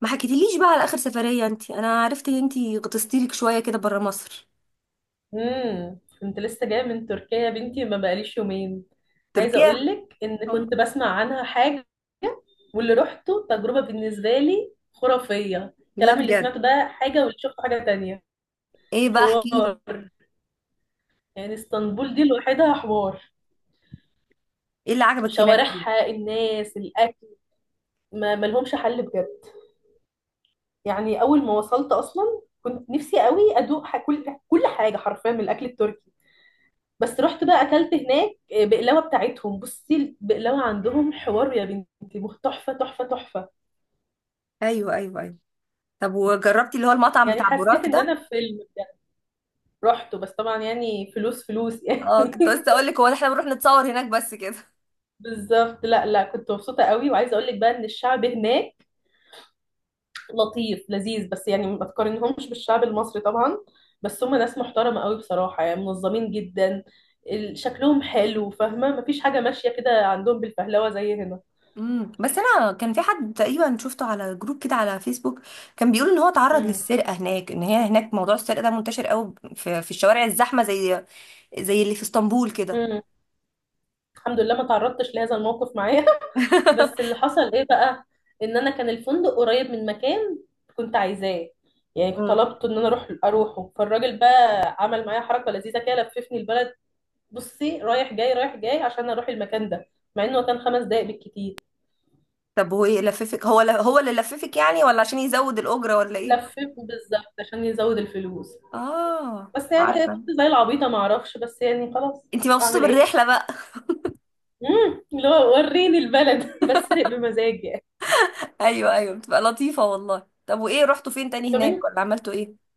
ما حكيتليش بقى على اخر سفرية انت. انا عرفت ان انت غطستي لك شوية كده برا مصر. كنت لسه جايه من تركيا يا بنتي، ما بقاليش يومين. عايزه تركيا؟ اقول لك ان كنت بسمع عنها حاجه، واللي رحته تجربه بالنسبه لي خرافيه. لا الكلام اللي بجد؟ سمعته ده حاجه واللي شفته حاجه تانية. ايه بقى، احكي لي. حوار. يعني اسطنبول دي لوحدها حوار. ايه اللي عجبك هناك؟ شوارعها، الناس، الاكل، ما ملهمش حل بجد. يعني اول ما وصلت اصلا كنت نفسي قوي ادوق كل حاجه حرفيا من الاكل التركي. بس رحت بقى اكلت هناك، بقلاوه بتاعتهم. بصي، البقلاوه عندهم حوار يا بنتي، تحفه، تحفه، تحفه. ايوه ايوه ايوه. طب وجربتي اللي هو المطعم يعني بتاع حسيت بوراك ان انا ده؟ في فيلم بجد. رحته بس طبعا يعني فلوس فلوس يعني اه، كنت لسه اقول لك هو ده، احنا بنروح نتصور هناك بس كده. بالظبط. لا، لا، كنت مبسوطه قوي، وعايزه اقول لك بقى ان الشعب هناك لطيف لذيذ، بس يعني ما تقارنهمش بالشعب المصري طبعا. بس هم ناس محترمه قوي بصراحه، يعني منظمين جدا، شكلهم حلو، فاهمه؟ مفيش حاجه ماشيه كده عندهم بالفهلوه زي هنا. بس انا كان في حد تقريبا شفته على جروب كده على فيسبوك، كان بيقول ان هو اتعرض امم. للسرقة هناك، ان هي هناك موضوع السرقة ده منتشر قوي في الشوارع الزحمة زي اللي في اسطنبول كده. امم. الحمد لله ما تعرضتش لهذا الموقف معايا. بس اللي حصل ايه بقى؟ ان انا كان الفندق قريب من مكان كنت عايزاه، يعني كنت طلبت ان انا اروحه، فالراجل بقى عمل معايا حركه لذيذه كده، لففني البلد. بصي، رايح جاي رايح جاي عشان اروح المكان ده، مع انه كان خمس دقايق بالكتير. طب هو ايه لففك؟ هو اللي لففك يعني، ولا عشان يزود الأجرة، ولا ايه؟ لففني بالظبط عشان يزود الفلوس. اه، بس يعني عارفة. كنت زي العبيطه ما اعرفش، بس يعني خلاص انتي مبسوطة اعمل ايه. بالرحلة بقى. اللي هو وريني البلد بتسرق بمزاجي. ايوه ايوه، بتبقى لطيفة والله. طب وايه، رحتوا فين تاني طب هناك، انت. ولا عملتوا ايه؟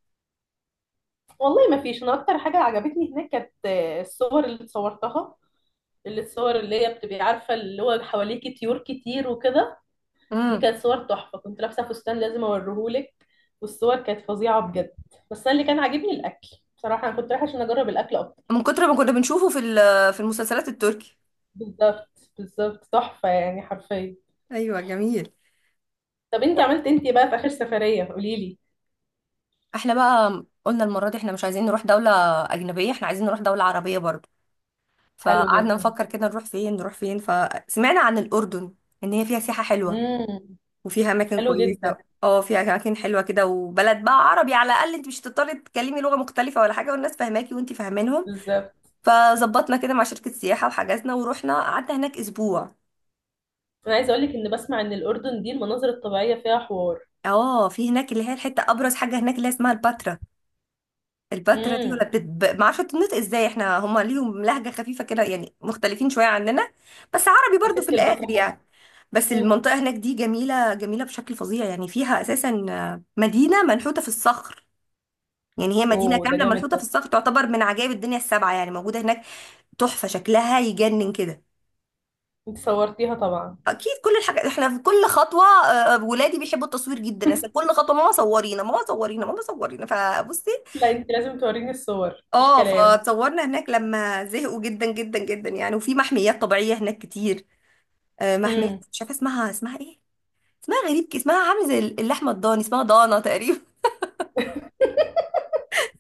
والله ما فيش، انا اكتر حاجه عجبتني هناك كانت، الصور اللي اتصورتها، الصور اللي هي بتبقي عارفة، اللي هو حواليكي طيور كتير وكده. دي امم. كانت صور تحفة، كنت لابسة فستان، لازم اوريهولك. والصور كانت فظيعة بجد. بس أنا اللي كان عاجبني الأكل، بصراحة أنا كنت رايحة عشان أجرب الأكل أكتر. من كتر ما كنا بنشوفه في المسلسلات التركي. بالظبط، بالظبط، تحفة يعني حرفيا. ايوه جميل. طب انتي عملت انتي بقى في آخر سفرية قوليلي. احنا بقى قلنا المرة دي احنا مش عايزين نروح دولة أجنبية، احنا عايزين نروح دولة عربية برضه. حلو فقعدنا جدا. نفكر كده نروح فين نروح فين، فسمعنا عن الأردن. ان هي فيها سياحة حلوة. امم. وفيها اماكن حلو جدا. كويسه، اه فيها اماكن حلوه كده، وبلد بقى عربي، على الاقل انت مش هتضطري تتكلمي لغه مختلفه ولا حاجه، والناس فاهماكي وانت فاهمينهم. بالظبط. فظبطنا كده مع شركه سياحه وحجزنا ورحنا قعدنا هناك اسبوع. أنا عايزة أقولك إن بسمع إن الأردن دي المناظر الطبيعية فيها حوار. اه، في هناك اللي هي الحته ابرز حاجه هناك اللي هي اسمها الباترا. الباترا دي، امم. ما اعرفش تنطق ازاي، احنا هم ليهم لهجه خفيفه كده يعني، مختلفين شويه عننا. بس عربي يا برضو في ستي البحر الاخر حلو. يعني. بس أمم. المنطقه هناك دي جميله جميله بشكل فظيع، يعني فيها اساسا مدينه منحوته في الصخر. يعني هي مدينة اوه ده كاملة جامد ملحوطة ده. في الصخر، تعتبر من عجائب الدنيا السبعة، يعني موجودة هناك. تحفة، شكلها يجنن كده. انت صورتيها طبعا؟ أكيد كل الحاجات، إحنا في كل خطوة ولادي بيحبوا التصوير جدا، أصل كل خطوة ماما صورينا ماما صورينا ماما صورينا، فبصي. لا انت لازم توريني الصور، مفيش اه، كلام. فتصورنا هناك لما زهقوا جدا جدا جدا يعني. وفي محميات طبيعية هناك كتير، محمية امم. مش عارفة اسمها ايه. اسمها غريب كده، اسمها عامل زي اللحمة الضاني، اسمها ضانة تقريبا.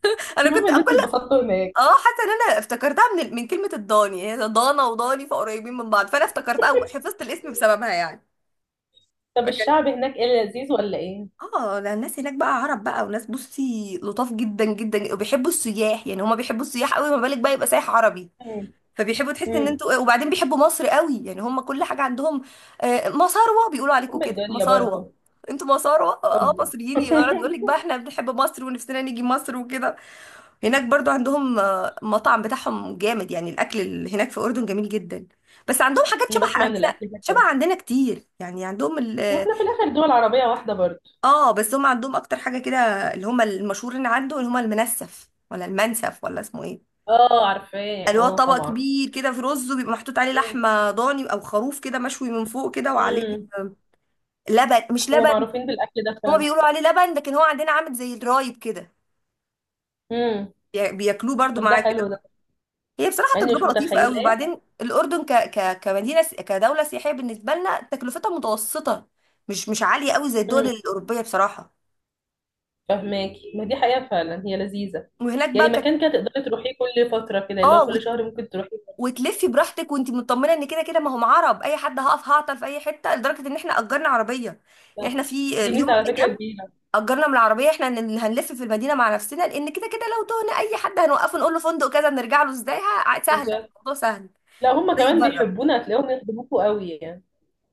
أنا المهم كنت ان انتوا كل... اتبسطتوا هناك. اه، حاسه ان انا افتكرتها من كلمه الضاني، هي ضانا وضاني فقريبين من بعض، فانا افتكرتها وحفظت الاسم بسببها يعني. طب فكان... الشعب هناك ايه؟ لذيذ ولا ايه؟ اه، ده الناس هناك بقى عرب بقى، وناس بصي لطاف جدا جدا، وبيحبوا السياح، يعني هما بيحبوا السياح قوي، ما بالك بقى يبقى سايح عربي. امم. فبيحبوا تحس ان امم. انتوا، وبعدين بيحبوا مصر قوي، يعني هما كل حاجه عندهم مصاروة بيقولوا عليكم ام كده، الدنيا مصاروة. برضو. انتوا مصاروة، اوبا مصريين، يقعد يقول لك بقى احنا بنحب مصر ونفسنا نيجي مصر وكده. هناك برضو عندهم مطعم بتاعهم جامد، يعني الاكل اللي هناك في الاردن جميل جدا. بس عندهم حاجات انا شبه بسمع ان عندنا الاكل هناك شبه حلو. عندنا كتير، يعني عندهم هو ال... احنا في الاخر دول عربيه واحده برضو. اه، بس هم عندهم اكتر حاجه كده اللي هم المشهورين عنده، اللي هم المنسف، ولا المنسف، ولا اسمه ايه. اه عارفاه، اللي هو اه طبق طبعا. كبير كده، في رز وبيبقى محطوط عليه امم. لحمه ضاني او خروف كده مشوي من فوق كده، وعليه امم. آه، لبن، مش هو لبن. معروفين بالاكل ده هما فعلا. بيقولوا عليه لبن، لكن هو عندنا عامل زي الرايب كده. امم. بياكلوه برضو طب ده معاه حلو كده. ده. هي بصراحة يعني مش تجربة لطيفة قوي، متخيلاه. وبعدين الأردن كدولة سياحية بالنسبة لنا تكلفتها متوسطة. مش عالية قوي زي الدول امم. الأوروبية بصراحة. فهماكي، ما دي حقيقه فعلا، هي لذيذه. وهناك بقى يعني كانت... مكان كده تقدري تروحيه كل فتره كده، اللي اه هو كل شهر ممكن تروحي. وتلفي براحتك وانت مطمنة ان كده كده ما هم عرب، اي حد هقف هعطل في اي حتة، لدرجة ان احنا اجرنا عربية. يعني احنا بالظبط. في دي يوم ميزة من على فكرة الايام كبيرة. اجرنا من العربية، احنا اللي هنلف في المدينة مع نفسنا، لان كده كده لو تهنا اي حد هنوقفه نقول له فندق كذا نرجع له ازاي. سهلة، بالظبط. الموضوع سهل. لا هم زي كمان بره. بيحبونا، هتلاقيهم يخدموكوا قوي يعني.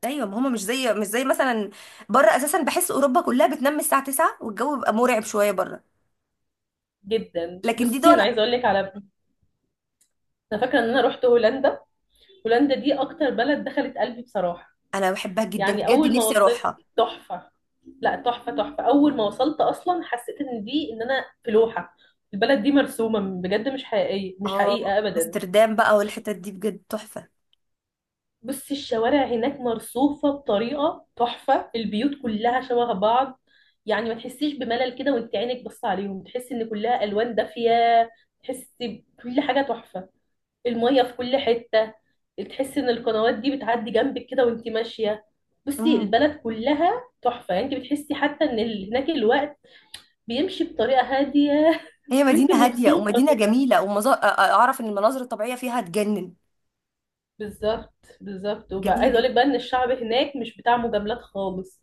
ايوه، ما هما مش زي مش زي مثلا بره، اساسا بحس اوروبا كلها بتنام الساعه 9 والجو بيبقى مرعب شويه بره. جدا. لكن دي بصي، دول... انا عايزه اقول لك على، انا فاكره ان انا رحت هولندا. هولندا دي اكتر بلد دخلت قلبي بصراحه. انا بحبها جدا يعني بجد، اول ما نفسي وصلت. اروحها. تحفه. لا، تحفه تحفه، اول ما وصلت اصلا حسيت ان دي، ان انا في لوحه. البلد دي مرسومه بجد، مش حقيقيه، مش اه، حقيقه ابدا. امستردام بقى والحتت دي بجد تحفه. بصي الشوارع هناك مرصوفة بطريقة تحفة، البيوت كلها شبه بعض، يعني ما تحسيش بملل كده وانت عينك بص عليهم، تحسي ان كلها الوان دافية. تحسي بكل حاجة تحفة، المية في كل حتة، تحسي ان القنوات دي بتعدي جنبك كده وانت ماشية. بصي امم، البلد كلها تحفة، يعني انت بتحسي حتى ان هناك الوقت بيمشي بطريقة هادية. هي مدينه وانت هاديه مبسوطة. ومدينه جميله، اعرف ان المناظر الطبيعيه فيها تجنن. بالظبط. بالظبط، وبقى جميله عايزه اقول جدا. لك بقى ان الشعب هناك مش بتاع مجاملات خالص.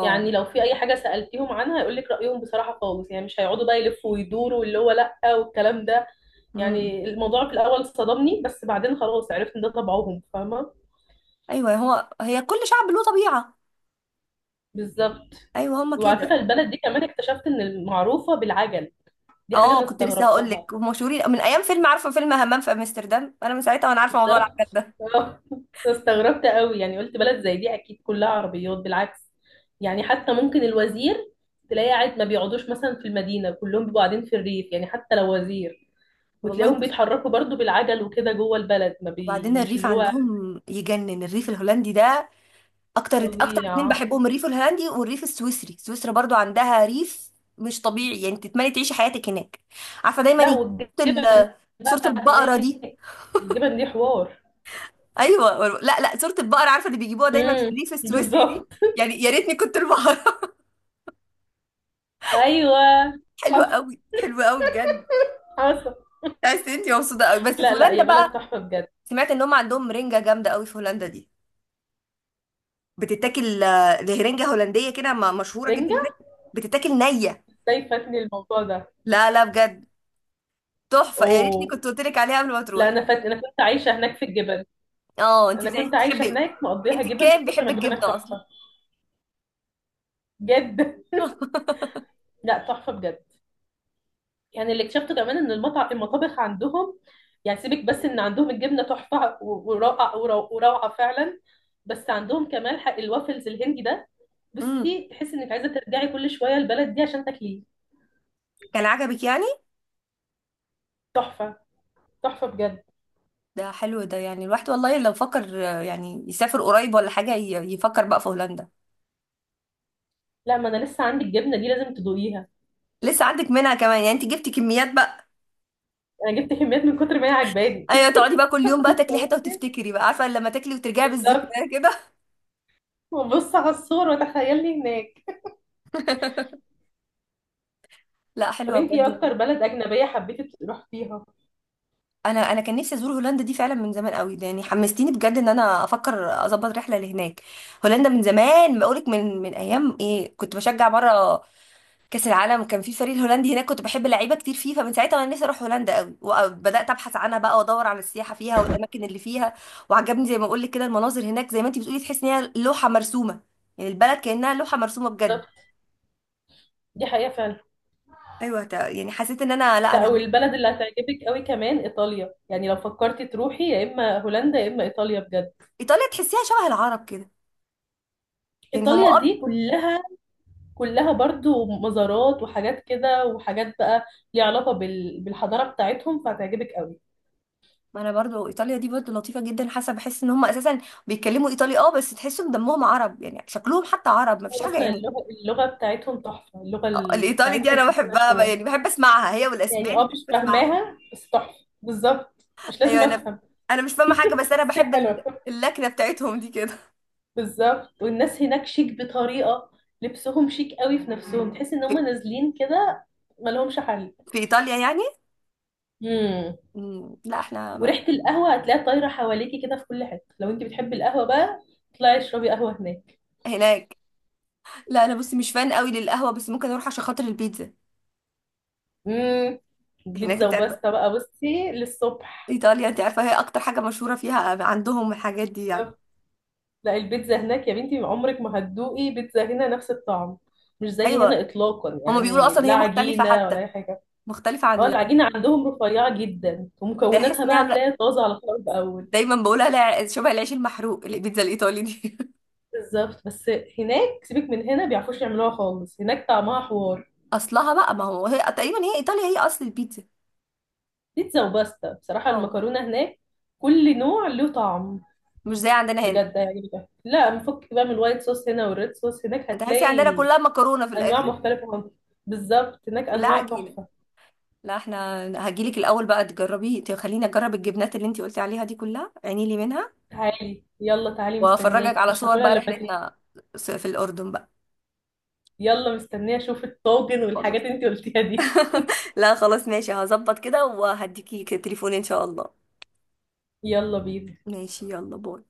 يعني لو في اي حاجه سالتيهم عنها هيقول لك رايهم بصراحه خالص، يعني مش هيقعدوا بقى يلفوا ويدوروا واللي هو لا والكلام ده. امم. يعني الموضوع في الاول صدمني، بس بعدين خلاص عرفت ان ده طبعهم، فاهمه. ايوه، هو هي كل شعب له طبيعه. بالظبط. ايوه هما وعلى فكره كده. البلد دي كمان اكتشفت ان معروفه بالعجل، دي حاجه اه، انا كنت لسه هقول استغربتها. لك مشهورين من ايام فيلم، عارفه فيلم همام في امستردام؟ انا من ساعتها وانا عارفه موضوع بالظبط. العجل ده. اه. استغربت قوي، يعني قلت بلد زي دي اكيد كلها عربيات، بالعكس. يعني حتى ممكن الوزير تلاقي قاعد، ما بيقعدوش مثلا في المدينة، كلهم بيبقوا قاعدين في الريف يعني، حتى لو وزير. والله وتلاقيهم بص، بيتحركوا برضو بالعجل وكده جوه البلد، ما بي وبعدين مش الريف اللي هو. عندهم يجنن، الريف الهولندي ده اكتر اكتر اتنين فظيع. بحبهم، الريف الهولندي والريف السويسري. سويسرا برضو عندها ريف مش طبيعي، يعني تتمني تعيشي حياتك هناك. عارفه دايما لا يجيب صورة والجبن ال- صوره بقى البقره هناك، دي. الجبن دي حوار. ايوه، لا لا، صوره البقره عارفه اللي بيجيبوها دايما في امم. الريف السويسري بالظبط. دي. يعني يا ريتني كنت البقره. ايوه. حلوه حصل، قوي حلوه قوي بجد. حصل. تحس انت مبسوطه قوي بس في لا، لا، هولندا يا بقى. بلد تحفة بجد. سمعت ان هم عندهم رنجه جامده قوي في هولندا دي، بتتاكل دي رنجه هولنديه كده، مشهوره جدا هناك. رنجة؟ بتتاكل نيه. ازاي فاتني الموضوع ده؟ لا لا بجد، تحفة، يا ريتني اوه. كنت قلت لك عليها قبل ما لا، تروحي. انا كنت عايشه هناك في الجبل. اه انت انا بتاعتي كنت عايشه بتحبي، هناك مقضيها انت جبل من كان كتر بيحب ما الجبل هناك الجبنة اصلا. تحفه. بجد. لا تحفه بجد. يعني اللي اكتشفته كمان ان المطابخ عندهم، يعني سيبك بس ان عندهم الجبنه تحفه وروعه فعلا. بس عندهم كمان حق الوافلز الهندي ده. امم بصي تحسي انك عايزه ترجعي كل شويه البلد دي عشان تاكليه. كان عجبك يعني. تحفه. تحفه بجد. ده حلو ده، يعني الواحد والله لو فكر يعني يسافر قريب ولا حاجة، يفكر بقى في هولندا. لا، ما انا لسه عندي الجبنه دي لازم تدوقيها. لسه عندك منها كمان يعني، انت جبتي كميات بقى. انا جبت كميات من كتر ما هي عجباني. ايوه، تقعدي بقى كل يوم بقى تاكلي حتة بصي. وتفتكري بقى، عارفة لما تاكلي وترجعي بالظبط. بالذكريات كده. وبص على الصور وتخيلني هناك. لا طب حلوة انتي بجد ايه يعني. اكتر بلد اجنبيه حبيتي تروحيها؟ انا كان نفسي ازور هولندا دي فعلا من زمان قوي، ده يعني حمستيني بجد ان انا افكر اظبط رحله لهناك. هولندا من زمان بقولك، من ايام ايه، كنت بشجع مره كاس العالم، كان في فريق الهولندي هناك كنت بحب لعيبه كتير فيه، فمن ساعتها وانا نفسي اروح هولندا قوي، وبدات ابحث عنها بقى وادور على السياحه فيها والاماكن اللي فيها. وعجبني زي ما بقولك كده المناظر هناك، زي ما انت بتقولي تحس ان هي لوحه مرسومه، يعني البلد كانها لوحه مرسومه بجد. بالظبط. دي حقيقه فعلا. ايوه، يعني حسيت ان انا، لا لا انا هناك. والبلد اللي هتعجبك قوي كمان ايطاليا، يعني لو فكرتي تروحي يا اما هولندا يا اما ايطاليا بجد. ايطاليا تحسيها شبه العرب كده، يعني هم ايطاليا دي كلها برضو مزارات وحاجات كده وحاجات بقى، ليها علاقه بالحضاره بتاعتهم، فهتعجبك قوي. ما انا برضو ايطاليا دي برضو لطيفه جدا، حاسه بحس ان هم اساسا بيتكلموا ايطالي، بس تحسهم دمهم عرب، يعني شكلهم حتى عرب، ما فيش حاجه واصلا يعني. اللغه بتاعتهم تحفه، اللغه الايطالي دي بتاعتهم انا ملهاش بحبها بقى، حوار. يعني بحب اسمعها، هي يعني والاسباني اه مش بحب اسمعها. فاهماها بس تحفه، بالظبط مش لازم ايوه، انا افهم. انا مش فاهمه حاجه، بس انا بس هي بحب حلوه. اللكنه بتاعتهم دي كده. بالظبط، والناس هناك شيك بطريقة، لبسهم شيك قوي في نفسهم، تحس ان هم في, نازلين كده، مالهمش حل. في ايطاليا يعني. امم. لا، احنا ما-... وريحة القهوة هتلاقيها طايرة حواليكي كده في كل حتة، لو انت بتحبي القهوة بقى اطلعي اشربي قهوة هناك. هناك؟ لا انا بصي مش فان قوي للقهوه، بس ممكن اروح عشان خاطر البيتزا. امم. هناك بيتزا انت عارفه وباستا بقى بصي للصبح. ايطاليا، انت عارفه هي اكتر حاجه مشهوره فيها عندهم الحاجات دي يعني. بالظبط. لا البيتزا هناك يا بنتي عمرك ما هتدوقي بيتزا هنا نفس الطعم، مش زي هنا ايوه، اطلاقا هما بيقولوا يعني، اصلا لا هي مختلفه عجينة ولا حتى، اي حاجة. مختلفة اه عن... العجينة عندهم رفيعة جدا، بحس ومكوناتها اني بقى عامله... هتلاقي طازة على طول اول. دايما بقولها شبه العيش المحروق البيتزا الايطالي دي. بالظبط بس هناك سيبك من هنا، بيعرفوش يعملوها خالص، هناك طعمها حوار. اصلها بقى، ما هو هي تقريبا، هي ايطاليا هي اصل البيتزا. بيتزا وباستا بصراحة، اه، المكرونة هناك كل نوع له طعم. مش زي عندنا هنا. بجد هيعجبك، لا مفك بقى من الوايت صوص هنا والريد صوص هناك، تحسي عندنا هتلاقي كلها مكرونه في أنواع الاخر، مختلفة خالص. بالظبط، هناك كلها أنواع عجينه. تحفة. لا، احنا هجيلك الاول بقى تجربي، خليني اجرب الجبنات اللي انتي قلتي عليها دي كلها، عيني لي منها. تعالي، يلا تعالي، وافرجك مستنياكي على مش صور هاكلها بقى إلا لما تيجي. رحلتنا في الاردن بقى. يلا، مستنية أشوف الطاجن والحاجات خلاص. اللي انتي قلتيها دي. لا خلاص، ماشي هظبط كده وهديكي تليفون ان شاء الله. يلا بينا. ماشي يلا باي.